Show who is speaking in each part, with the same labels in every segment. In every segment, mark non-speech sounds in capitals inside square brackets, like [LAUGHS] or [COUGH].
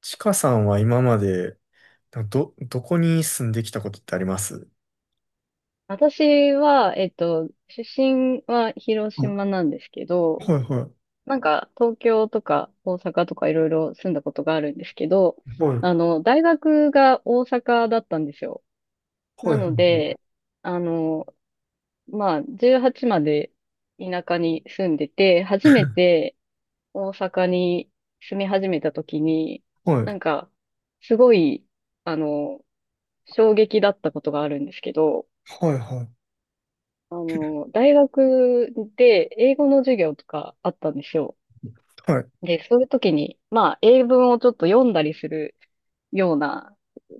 Speaker 1: ちかさんは今まで、など、どこに住んできたことってあります？
Speaker 2: 私は、出身は広島
Speaker 1: は
Speaker 2: なんですけ
Speaker 1: い、
Speaker 2: ど、
Speaker 1: はい、は
Speaker 2: なんか東京とか大阪とかいろいろ住んだことがあるんですけど、
Speaker 1: い、
Speaker 2: 大学が大阪だったんですよ。
Speaker 1: は
Speaker 2: な
Speaker 1: い、
Speaker 2: ので、あの、まあ、18まで田舎に住んでて、初めて大阪に住み始めた時に、
Speaker 1: はい、
Speaker 2: なんか、すごい、あの、衝撃だったことがあるんですけど、
Speaker 1: はい、はい、はい、
Speaker 2: 大学で英語の授業とかあったんですよ。
Speaker 1: はい、
Speaker 2: で、そういう時に、まあ、英文をちょっと読んだりするような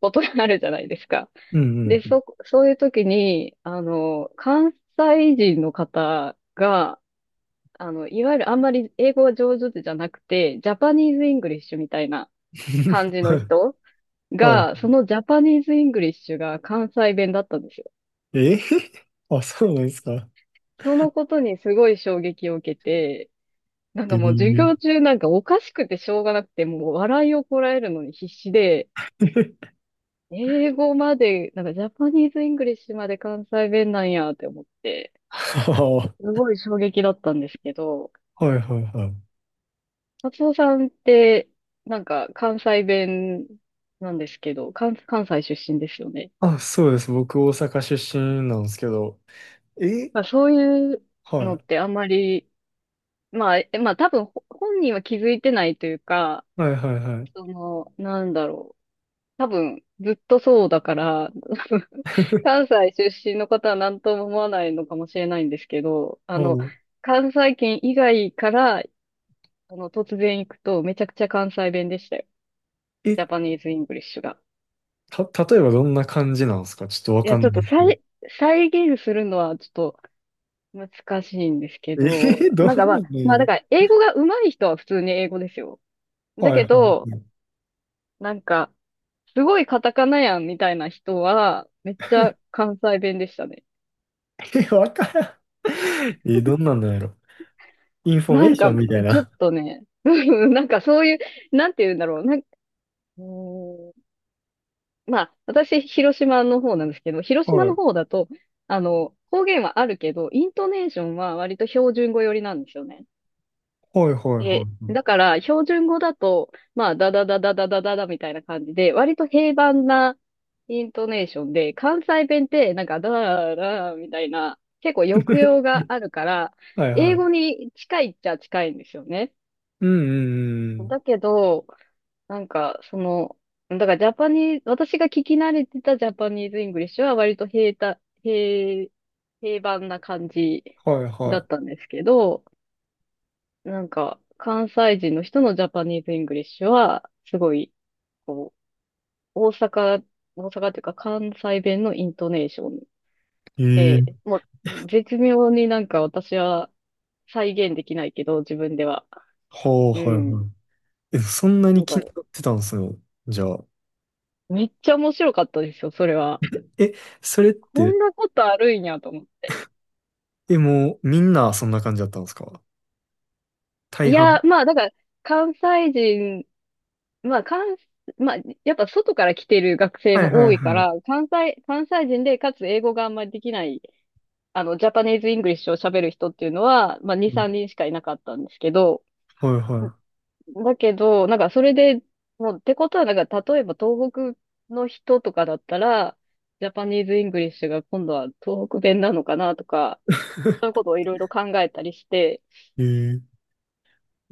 Speaker 2: ことがあるじゃないですか。
Speaker 1: うん、
Speaker 2: で、
Speaker 1: うん。
Speaker 2: そういう時に、関西人の方が、いわゆるあんまり英語が上手じゃなくて、ジャパニーズ・イングリッシュみたいな感
Speaker 1: [LAUGHS]
Speaker 2: じの
Speaker 1: はい、
Speaker 2: 人
Speaker 1: は
Speaker 2: が、そのジャパニーズ・イングリッシュが関西弁だったんですよ。
Speaker 1: い、えー、[LAUGHS] あ、そうなんですか。
Speaker 2: そのことにすごい衝撃を受けて、なん
Speaker 1: え
Speaker 2: かもう授
Speaker 1: ー
Speaker 2: 業中なんかおかしくてしょうがなくて、もう笑いをこらえるのに必死で、
Speaker 1: [LAUGHS]、
Speaker 2: 英語まで、なんかジャパニーズ・イングリッシュまで関西弁なんやって思って、
Speaker 1: は
Speaker 2: すごい衝撃だったんですけど、
Speaker 1: あはい、はい、はい、
Speaker 2: 松尾さんって、なんか関西弁なんですけど、関西出身ですよね。
Speaker 1: あ、そうです。僕、大阪出身なんですけど。え、
Speaker 2: まあそういうのっ
Speaker 1: は
Speaker 2: てあんまり、まあ、まあ多分本人は気づいてないというか、
Speaker 1: い、はい、はい、
Speaker 2: その、なんだろう。多分ずっとそうだから、
Speaker 1: [LAUGHS] は
Speaker 2: [LAUGHS]
Speaker 1: い、
Speaker 2: 関西出身の方は何とも思わないのかもしれないんですけど、
Speaker 1: おう
Speaker 2: 関西圏以外から、突然行くと、めちゃくちゃ関西弁でしたよ。
Speaker 1: え、
Speaker 2: ジャパニーズ・イングリッシュが。
Speaker 1: 例えばどんな感じなんですか？ちょっとわ
Speaker 2: い
Speaker 1: か
Speaker 2: や、
Speaker 1: ん
Speaker 2: ちょ
Speaker 1: な
Speaker 2: っ
Speaker 1: いで
Speaker 2: と
Speaker 1: すけど。
Speaker 2: 再現するのはちょっと難しいんですけ
Speaker 1: え
Speaker 2: ど、
Speaker 1: ー、[LAUGHS] ど
Speaker 2: なんか
Speaker 1: ん
Speaker 2: ま
Speaker 1: な
Speaker 2: あ、
Speaker 1: のや
Speaker 2: まあだ
Speaker 1: る。
Speaker 2: から、英語が上手い人は普通に英語ですよ。だ
Speaker 1: はい
Speaker 2: け
Speaker 1: はいは
Speaker 2: ど、
Speaker 1: い。
Speaker 2: なんか、すごいカタカナやんみたいな人は、めっちゃ関西弁でしたね。
Speaker 1: え、わからん。[LAUGHS] え、どんなんなんやろ。インフォ
Speaker 2: な
Speaker 1: メー
Speaker 2: ん
Speaker 1: シ
Speaker 2: か、
Speaker 1: ョンみたい
Speaker 2: ちょっ
Speaker 1: な。
Speaker 2: とね、[LAUGHS] うんなんかそういう、なんて言うんだろう。うーん、まあ、私、広島の方なんですけど、広島
Speaker 1: は
Speaker 2: の
Speaker 1: い。
Speaker 2: 方だと、方言はあるけど、イントネーションは割と標準語寄りなんですよね。
Speaker 1: はいはいは
Speaker 2: で、だ
Speaker 1: い。
Speaker 2: から、標準語だと、まあ、ダダダダダダダダみたいな感じで、割と平凡なイントネーションで、関西弁って、なんか、ダダダーみたいな、結構抑揚があるから、
Speaker 1: はい [LAUGHS] は
Speaker 2: 英
Speaker 1: い。
Speaker 2: 語に近いっちゃ近いんですよね。
Speaker 1: うんうんうん。
Speaker 2: だけど、なんか、だからジャパニーズ、私が聞き慣れてたジャパニーズ・イングリッシュは割と平た、平、平凡な感じ
Speaker 1: はい
Speaker 2: だ
Speaker 1: は
Speaker 2: ったんですけど、なんか、関西人の人のジャパニーズ・イングリッシュは、すごい、こう、大阪っていうか関西弁のイントネーション
Speaker 1: い。え
Speaker 2: で、もう、絶妙になんか私は再現できないけど、自分では。
Speaker 1: は
Speaker 2: う
Speaker 1: はい
Speaker 2: ん。
Speaker 1: はい。え、そんな
Speaker 2: な
Speaker 1: に
Speaker 2: ん
Speaker 1: 気
Speaker 2: か、
Speaker 1: になってたんですよ。じゃあ。
Speaker 2: めっちゃ面白かったですよ、それは。
Speaker 1: え、それっ
Speaker 2: こ
Speaker 1: て、
Speaker 2: んなことあるんやと思って。
Speaker 1: え、もうみんなそんな感じだったんですか？大
Speaker 2: い
Speaker 1: 半。
Speaker 2: や、まあ、だから、関西人、まあ、まあ、やっぱ外から来てる学生
Speaker 1: はい
Speaker 2: も
Speaker 1: は
Speaker 2: 多
Speaker 1: い
Speaker 2: いか
Speaker 1: は
Speaker 2: ら、
Speaker 1: い。
Speaker 2: 関西人で、かつ英語があんまりできない、ジャパニーズ・イングリッシュを喋る人っていうのは、まあ、2、
Speaker 1: うん。
Speaker 2: 3人しかいなかったんですけど、
Speaker 1: はいは
Speaker 2: だけど、なんかそれで、もう、ってことは、なんか、例えば東北の人とかだったら、ジャパニーズ・イングリッシュが今度は東北弁なのかなとか、そういうことをいろいろ考えたりして、
Speaker 1: い。ええ。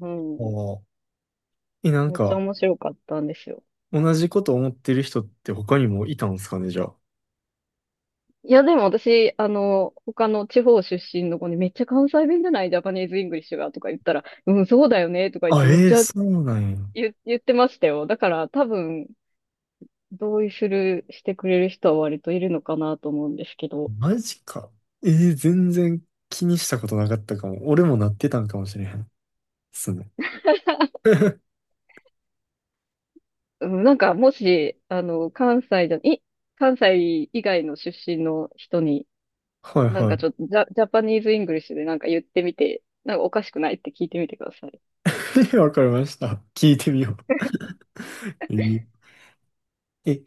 Speaker 2: う
Speaker 1: あ
Speaker 2: ん。
Speaker 1: あ。え、なん
Speaker 2: めっちゃ
Speaker 1: か、
Speaker 2: 面白かったんですよ。
Speaker 1: 同じこと思ってる人って他にもいたんですかね、じゃ
Speaker 2: いや、でも私、他の地方出身の子にめっちゃ関西弁じゃないジャパニーズ・イングリッシュがとか言ったら、うん、そうだよねとか
Speaker 1: あ。
Speaker 2: 言って
Speaker 1: あ、
Speaker 2: めっ
Speaker 1: ええ
Speaker 2: ちゃ
Speaker 1: そうなんや。
Speaker 2: 言ってましたよ。だから多分、同意する、してくれる人は割といるのかなと思うんですけど、
Speaker 1: マジか。えー、全然気にしたことなかったかも。俺もなってたんかもしれへん。すね。[LAUGHS]
Speaker 2: うん、なんかもし、関西じゃ、い、関西以外の出身の人に、
Speaker 1: はい
Speaker 2: なん
Speaker 1: は
Speaker 2: かちょっとジャパニーズ・イングリッシュでなんか言ってみて、なんかおかしくないって聞いてみてください。
Speaker 1: い。[LAUGHS] わかりました。聞いてみよう。えーえ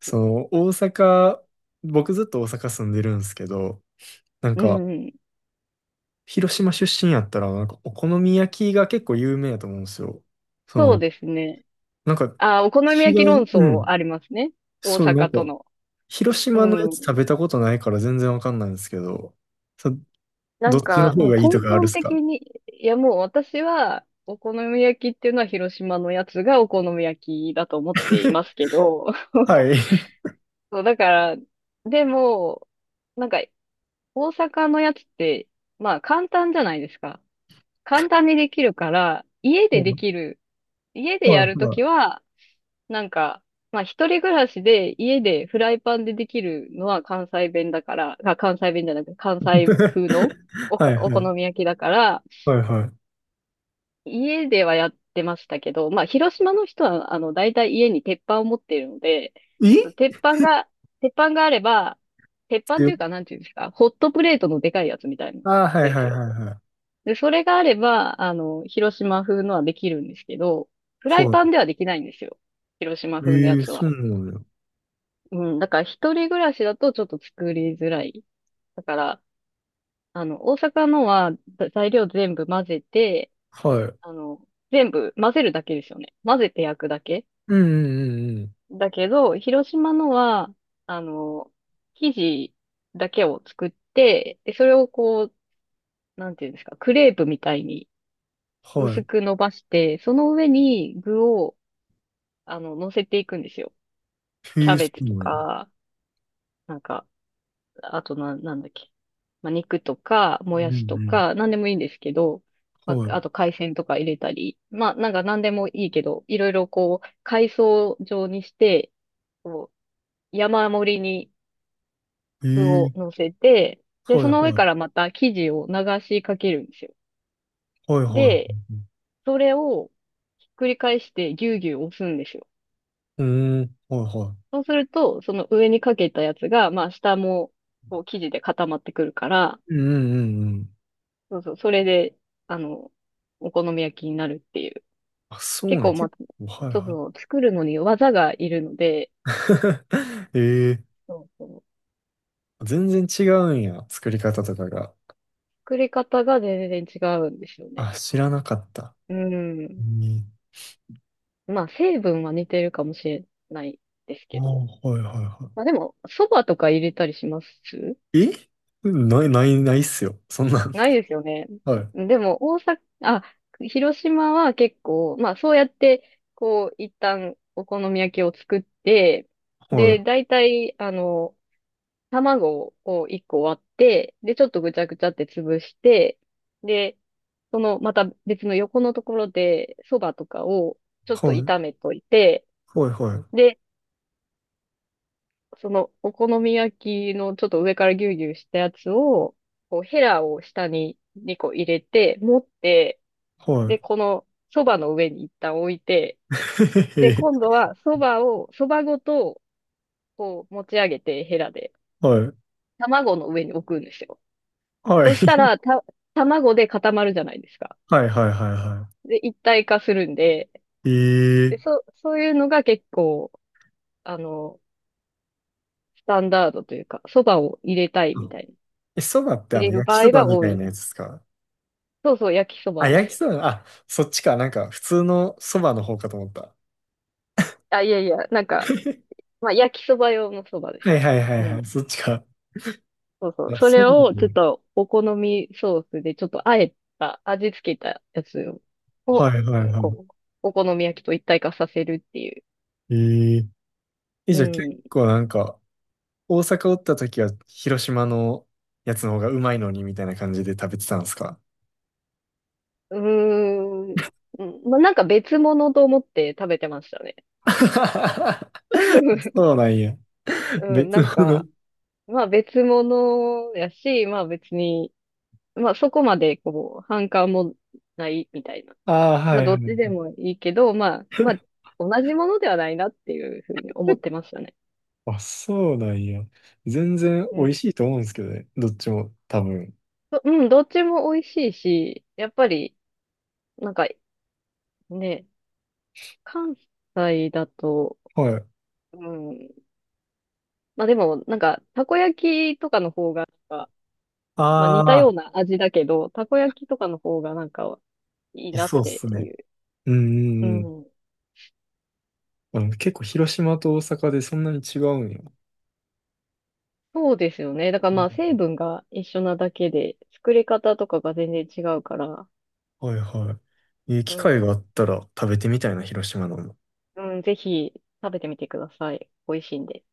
Speaker 1: その、大阪、僕ずっと大阪住んでるんですけど、なん
Speaker 2: う
Speaker 1: か、
Speaker 2: ん、
Speaker 1: 広島出身やったら、なんか、お好み焼きが結構有名やと思うんですよ。そ
Speaker 2: そう
Speaker 1: の、
Speaker 2: ですね。
Speaker 1: なんか、
Speaker 2: あ、お好み
Speaker 1: 違
Speaker 2: 焼き論
Speaker 1: い、う
Speaker 2: 争
Speaker 1: ん。
Speaker 2: ありますね。大
Speaker 1: そう、な
Speaker 2: 阪
Speaker 1: ん
Speaker 2: と
Speaker 1: か、
Speaker 2: の。
Speaker 1: 広
Speaker 2: う
Speaker 1: 島のや
Speaker 2: ん。
Speaker 1: つ食べたことないから全然わかんないんですけど、そ
Speaker 2: な
Speaker 1: どっ
Speaker 2: ん
Speaker 1: ちの
Speaker 2: か、
Speaker 1: 方
Speaker 2: もう
Speaker 1: がいいと
Speaker 2: 根
Speaker 1: かあるっ
Speaker 2: 本
Speaker 1: す
Speaker 2: 的
Speaker 1: か？
Speaker 2: に、いやもう私は、お好み焼きっていうのは広島のやつがお好み焼きだと思っていますけど、
Speaker 1: は
Speaker 2: [LAUGHS]
Speaker 1: い。
Speaker 2: そう、だから、でも、なんか、大阪のやつって、まあ簡単じゃないですか。簡単にできるから、
Speaker 1: うん。
Speaker 2: 家で
Speaker 1: は
Speaker 2: やる
Speaker 1: い
Speaker 2: と
Speaker 1: は
Speaker 2: き
Speaker 1: い。
Speaker 2: は、なんか、まあ一人暮らしで家でフライパンでできるのは関西弁だから、あ、関西弁じゃなくて関西風の
Speaker 1: [LAUGHS]
Speaker 2: お
Speaker 1: は
Speaker 2: こ、
Speaker 1: い
Speaker 2: お
Speaker 1: は
Speaker 2: 好
Speaker 1: い。
Speaker 2: み焼きだから、
Speaker 1: はいは
Speaker 2: 家ではやってましたけど、まあ広島の人は大体家に鉄板を持っているので、
Speaker 1: い。え
Speaker 2: 鉄板が、鉄板があれば、鉄板というか
Speaker 1: 強。
Speaker 2: なんていうんですか、ホットプレートのでかいやつみたいなん
Speaker 1: ああー、はい
Speaker 2: で
Speaker 1: はい
Speaker 2: すよ。
Speaker 1: はいはい。
Speaker 2: で、それがあれば、広島風のはできるんですけど、フライ
Speaker 1: は
Speaker 2: パンではできないんですよ。広島
Speaker 1: い。
Speaker 2: 風の
Speaker 1: え
Speaker 2: や
Speaker 1: えー
Speaker 2: つ
Speaker 1: そ
Speaker 2: は。
Speaker 1: うなんだよ。
Speaker 2: うん、だから一人暮らしだとちょっと作りづらい。だから、大阪のは材料全部混ぜて、
Speaker 1: はい。
Speaker 2: あの、全部混ぜるだけですよね。混ぜて焼くだけ。
Speaker 1: うんうんうんうん。
Speaker 2: だけど、広島のは、あの、生地だけを作って、で、それをこう、なんていうんですか、クレープみたいに
Speaker 1: は
Speaker 2: 薄
Speaker 1: い。
Speaker 2: く伸ばして、その上に具を、乗せていくんですよ。キ
Speaker 1: ええ
Speaker 2: ャ
Speaker 1: ー、
Speaker 2: ベ
Speaker 1: そ
Speaker 2: ツ
Speaker 1: う
Speaker 2: と
Speaker 1: なんだよ。
Speaker 2: か、なんか、あとな、なんだっけ。まあ、肉とか、も
Speaker 1: うん
Speaker 2: や
Speaker 1: う
Speaker 2: しと
Speaker 1: ん。
Speaker 2: か、なんでもいいんですけど、ま
Speaker 1: はい。
Speaker 2: あ、あと海鮮とか入れたり、まあ、なんかなんでもいいけど、いろいろこう、海藻状にして、こう、山盛りに
Speaker 1: ええ
Speaker 2: 具を
Speaker 1: ー。
Speaker 2: 乗せて、で、
Speaker 1: は
Speaker 2: そ
Speaker 1: い
Speaker 2: の上
Speaker 1: はい。
Speaker 2: からまた生地を流しかけるんですよ。
Speaker 1: はいはい。
Speaker 2: で、それをひっくり返してぎゅうぎゅう押すんですよ。
Speaker 1: うん、はいは
Speaker 2: そうすると、その上にかけたやつが、まあ、下も、こう、生地で固まってくるから、
Speaker 1: い。うんうんうんうん。
Speaker 2: そうそう、それで、あの、お好み焼きになるっていう。
Speaker 1: あ、そう
Speaker 2: 結
Speaker 1: なん
Speaker 2: 構、ま
Speaker 1: 結
Speaker 2: あ、
Speaker 1: 構、はい
Speaker 2: そう
Speaker 1: は
Speaker 2: そう、作るのに技がいるので、
Speaker 1: い。[LAUGHS] ええー。
Speaker 2: そうそう、
Speaker 1: 全然違うんや。作り方とかが。
Speaker 2: 作り方が全然違うんですよね。
Speaker 1: あ、知らなかった。
Speaker 2: う
Speaker 1: う
Speaker 2: ん。
Speaker 1: ん。
Speaker 2: まあ、成分は似てるかもしれないです
Speaker 1: ああ、
Speaker 2: けど。
Speaker 1: はいはいはい。
Speaker 2: まあでも、蕎麦とか入れたりします
Speaker 1: え、ない、ない、ないっすよ。そんなん。
Speaker 2: ないですよね。
Speaker 1: [LAUGHS] はい。
Speaker 2: でも、大阪、あ、広島は結構、まあそうやって、こう、一旦お好み焼きを作って、
Speaker 1: は
Speaker 2: で、
Speaker 1: い。
Speaker 2: 大体、卵を1個割って、で、ちょっとぐちゃぐちゃって潰して、で、その、また別の横のところで、そばとかをちょっ
Speaker 1: は
Speaker 2: と
Speaker 1: い。
Speaker 2: 炒めといて、
Speaker 1: はい。
Speaker 2: で、その、お好み焼きのちょっと上からギュウギュウしたやつを、こう、ヘラを下に2個入れて、持って、
Speaker 1: はい。は
Speaker 2: で、
Speaker 1: い。
Speaker 2: この、そばの上に一旦置いて、
Speaker 1: [LAUGHS]
Speaker 2: で、
Speaker 1: へへ
Speaker 2: 今
Speaker 1: へ。
Speaker 2: 度は、そばを、そばごと、こう、持ち上げて、ヘラで、
Speaker 1: はい。
Speaker 2: 卵の上に置くんですよ。
Speaker 1: はい。
Speaker 2: そした
Speaker 1: [LAUGHS]
Speaker 2: ら、卵で固まるじゃないですか。
Speaker 1: はい。はい。はいは
Speaker 2: で、一体化するんで、
Speaker 1: い。え
Speaker 2: で、
Speaker 1: え。
Speaker 2: そういうのが結構、あの、スタンダードというか、そばを入れたいみたいな。
Speaker 1: え、そばってあ
Speaker 2: 入
Speaker 1: の、
Speaker 2: れる
Speaker 1: 焼
Speaker 2: 場
Speaker 1: きそ
Speaker 2: 合
Speaker 1: ば
Speaker 2: が
Speaker 1: み
Speaker 2: 多
Speaker 1: たい
Speaker 2: い。
Speaker 1: なやつですか？
Speaker 2: そうそう、焼きそば
Speaker 1: あ、
Speaker 2: で
Speaker 1: 焼き
Speaker 2: す。
Speaker 1: そば、あ、そっちか。なんか、普通のそばの方かと思った。
Speaker 2: あ、いやいや、なんか、
Speaker 1: [LAUGHS]
Speaker 2: まあ、焼きそば用のそばで
Speaker 1: は
Speaker 2: す
Speaker 1: い
Speaker 2: ね。
Speaker 1: はいはい
Speaker 2: う
Speaker 1: は
Speaker 2: ん。
Speaker 1: い。そっちか。
Speaker 2: そうそ
Speaker 1: い
Speaker 2: う。
Speaker 1: や、
Speaker 2: そ
Speaker 1: そ
Speaker 2: れ
Speaker 1: うな。
Speaker 2: を、ちょっと、お好みソースで、ちょっと、あえた、味付けたやつを、
Speaker 1: は
Speaker 2: こ
Speaker 1: いはい
Speaker 2: う、
Speaker 1: は
Speaker 2: お好み焼きと一体化させるっていう。
Speaker 1: い。ええ。え、
Speaker 2: う
Speaker 1: じゃあ結
Speaker 2: ん。
Speaker 1: 構なんか、大阪おった時は広島のやつの方がうまいのにみたいな感じで食べてたんですか？
Speaker 2: うーん。うんまあ、なんか別物と思って食べてましたね。
Speaker 1: [LAUGHS] そ
Speaker 2: [LAUGHS]
Speaker 1: うなんや。
Speaker 2: うん、
Speaker 1: 別
Speaker 2: なん
Speaker 1: 物。
Speaker 2: か、まあ別物やし、まあ別に、まあそこまでこう、反感もないみたいな。
Speaker 1: ああ、
Speaker 2: ま
Speaker 1: は
Speaker 2: あ
Speaker 1: いは
Speaker 2: どっちで
Speaker 1: い。
Speaker 2: もいいけど、まあ、同じものではないなっていうふうに思ってましたね。
Speaker 1: あ、そうなんや。全然
Speaker 2: う
Speaker 1: 美
Speaker 2: ん、
Speaker 1: 味しいと思うんですけどね。どっちも、多分。
Speaker 2: どっちも美味しいし、やっぱり、なんかね、関西だと、
Speaker 1: はい。
Speaker 2: うん、まあでもなんか、たこ焼きとかの方がまあ
Speaker 1: あ
Speaker 2: 似たよう
Speaker 1: あ、
Speaker 2: な味だけど、たこ焼きとかの方がなんかいい
Speaker 1: え
Speaker 2: なっ
Speaker 1: そうっ
Speaker 2: て
Speaker 1: す
Speaker 2: い
Speaker 1: ね。
Speaker 2: う。
Speaker 1: うんう
Speaker 2: う
Speaker 1: んうん。
Speaker 2: ん。
Speaker 1: あの、結構広島と大阪でそんなに違うんや。
Speaker 2: そうですよね。だから
Speaker 1: う
Speaker 2: ま
Speaker 1: ん。
Speaker 2: あ成分が一緒なだけで、作り方とかが全然違うから、
Speaker 1: はいはい。えー
Speaker 2: う
Speaker 1: 機会があ
Speaker 2: ん。
Speaker 1: ったら食べてみたいな、広島のも。
Speaker 2: うん、ぜひ食べてみてください。美味しいんで。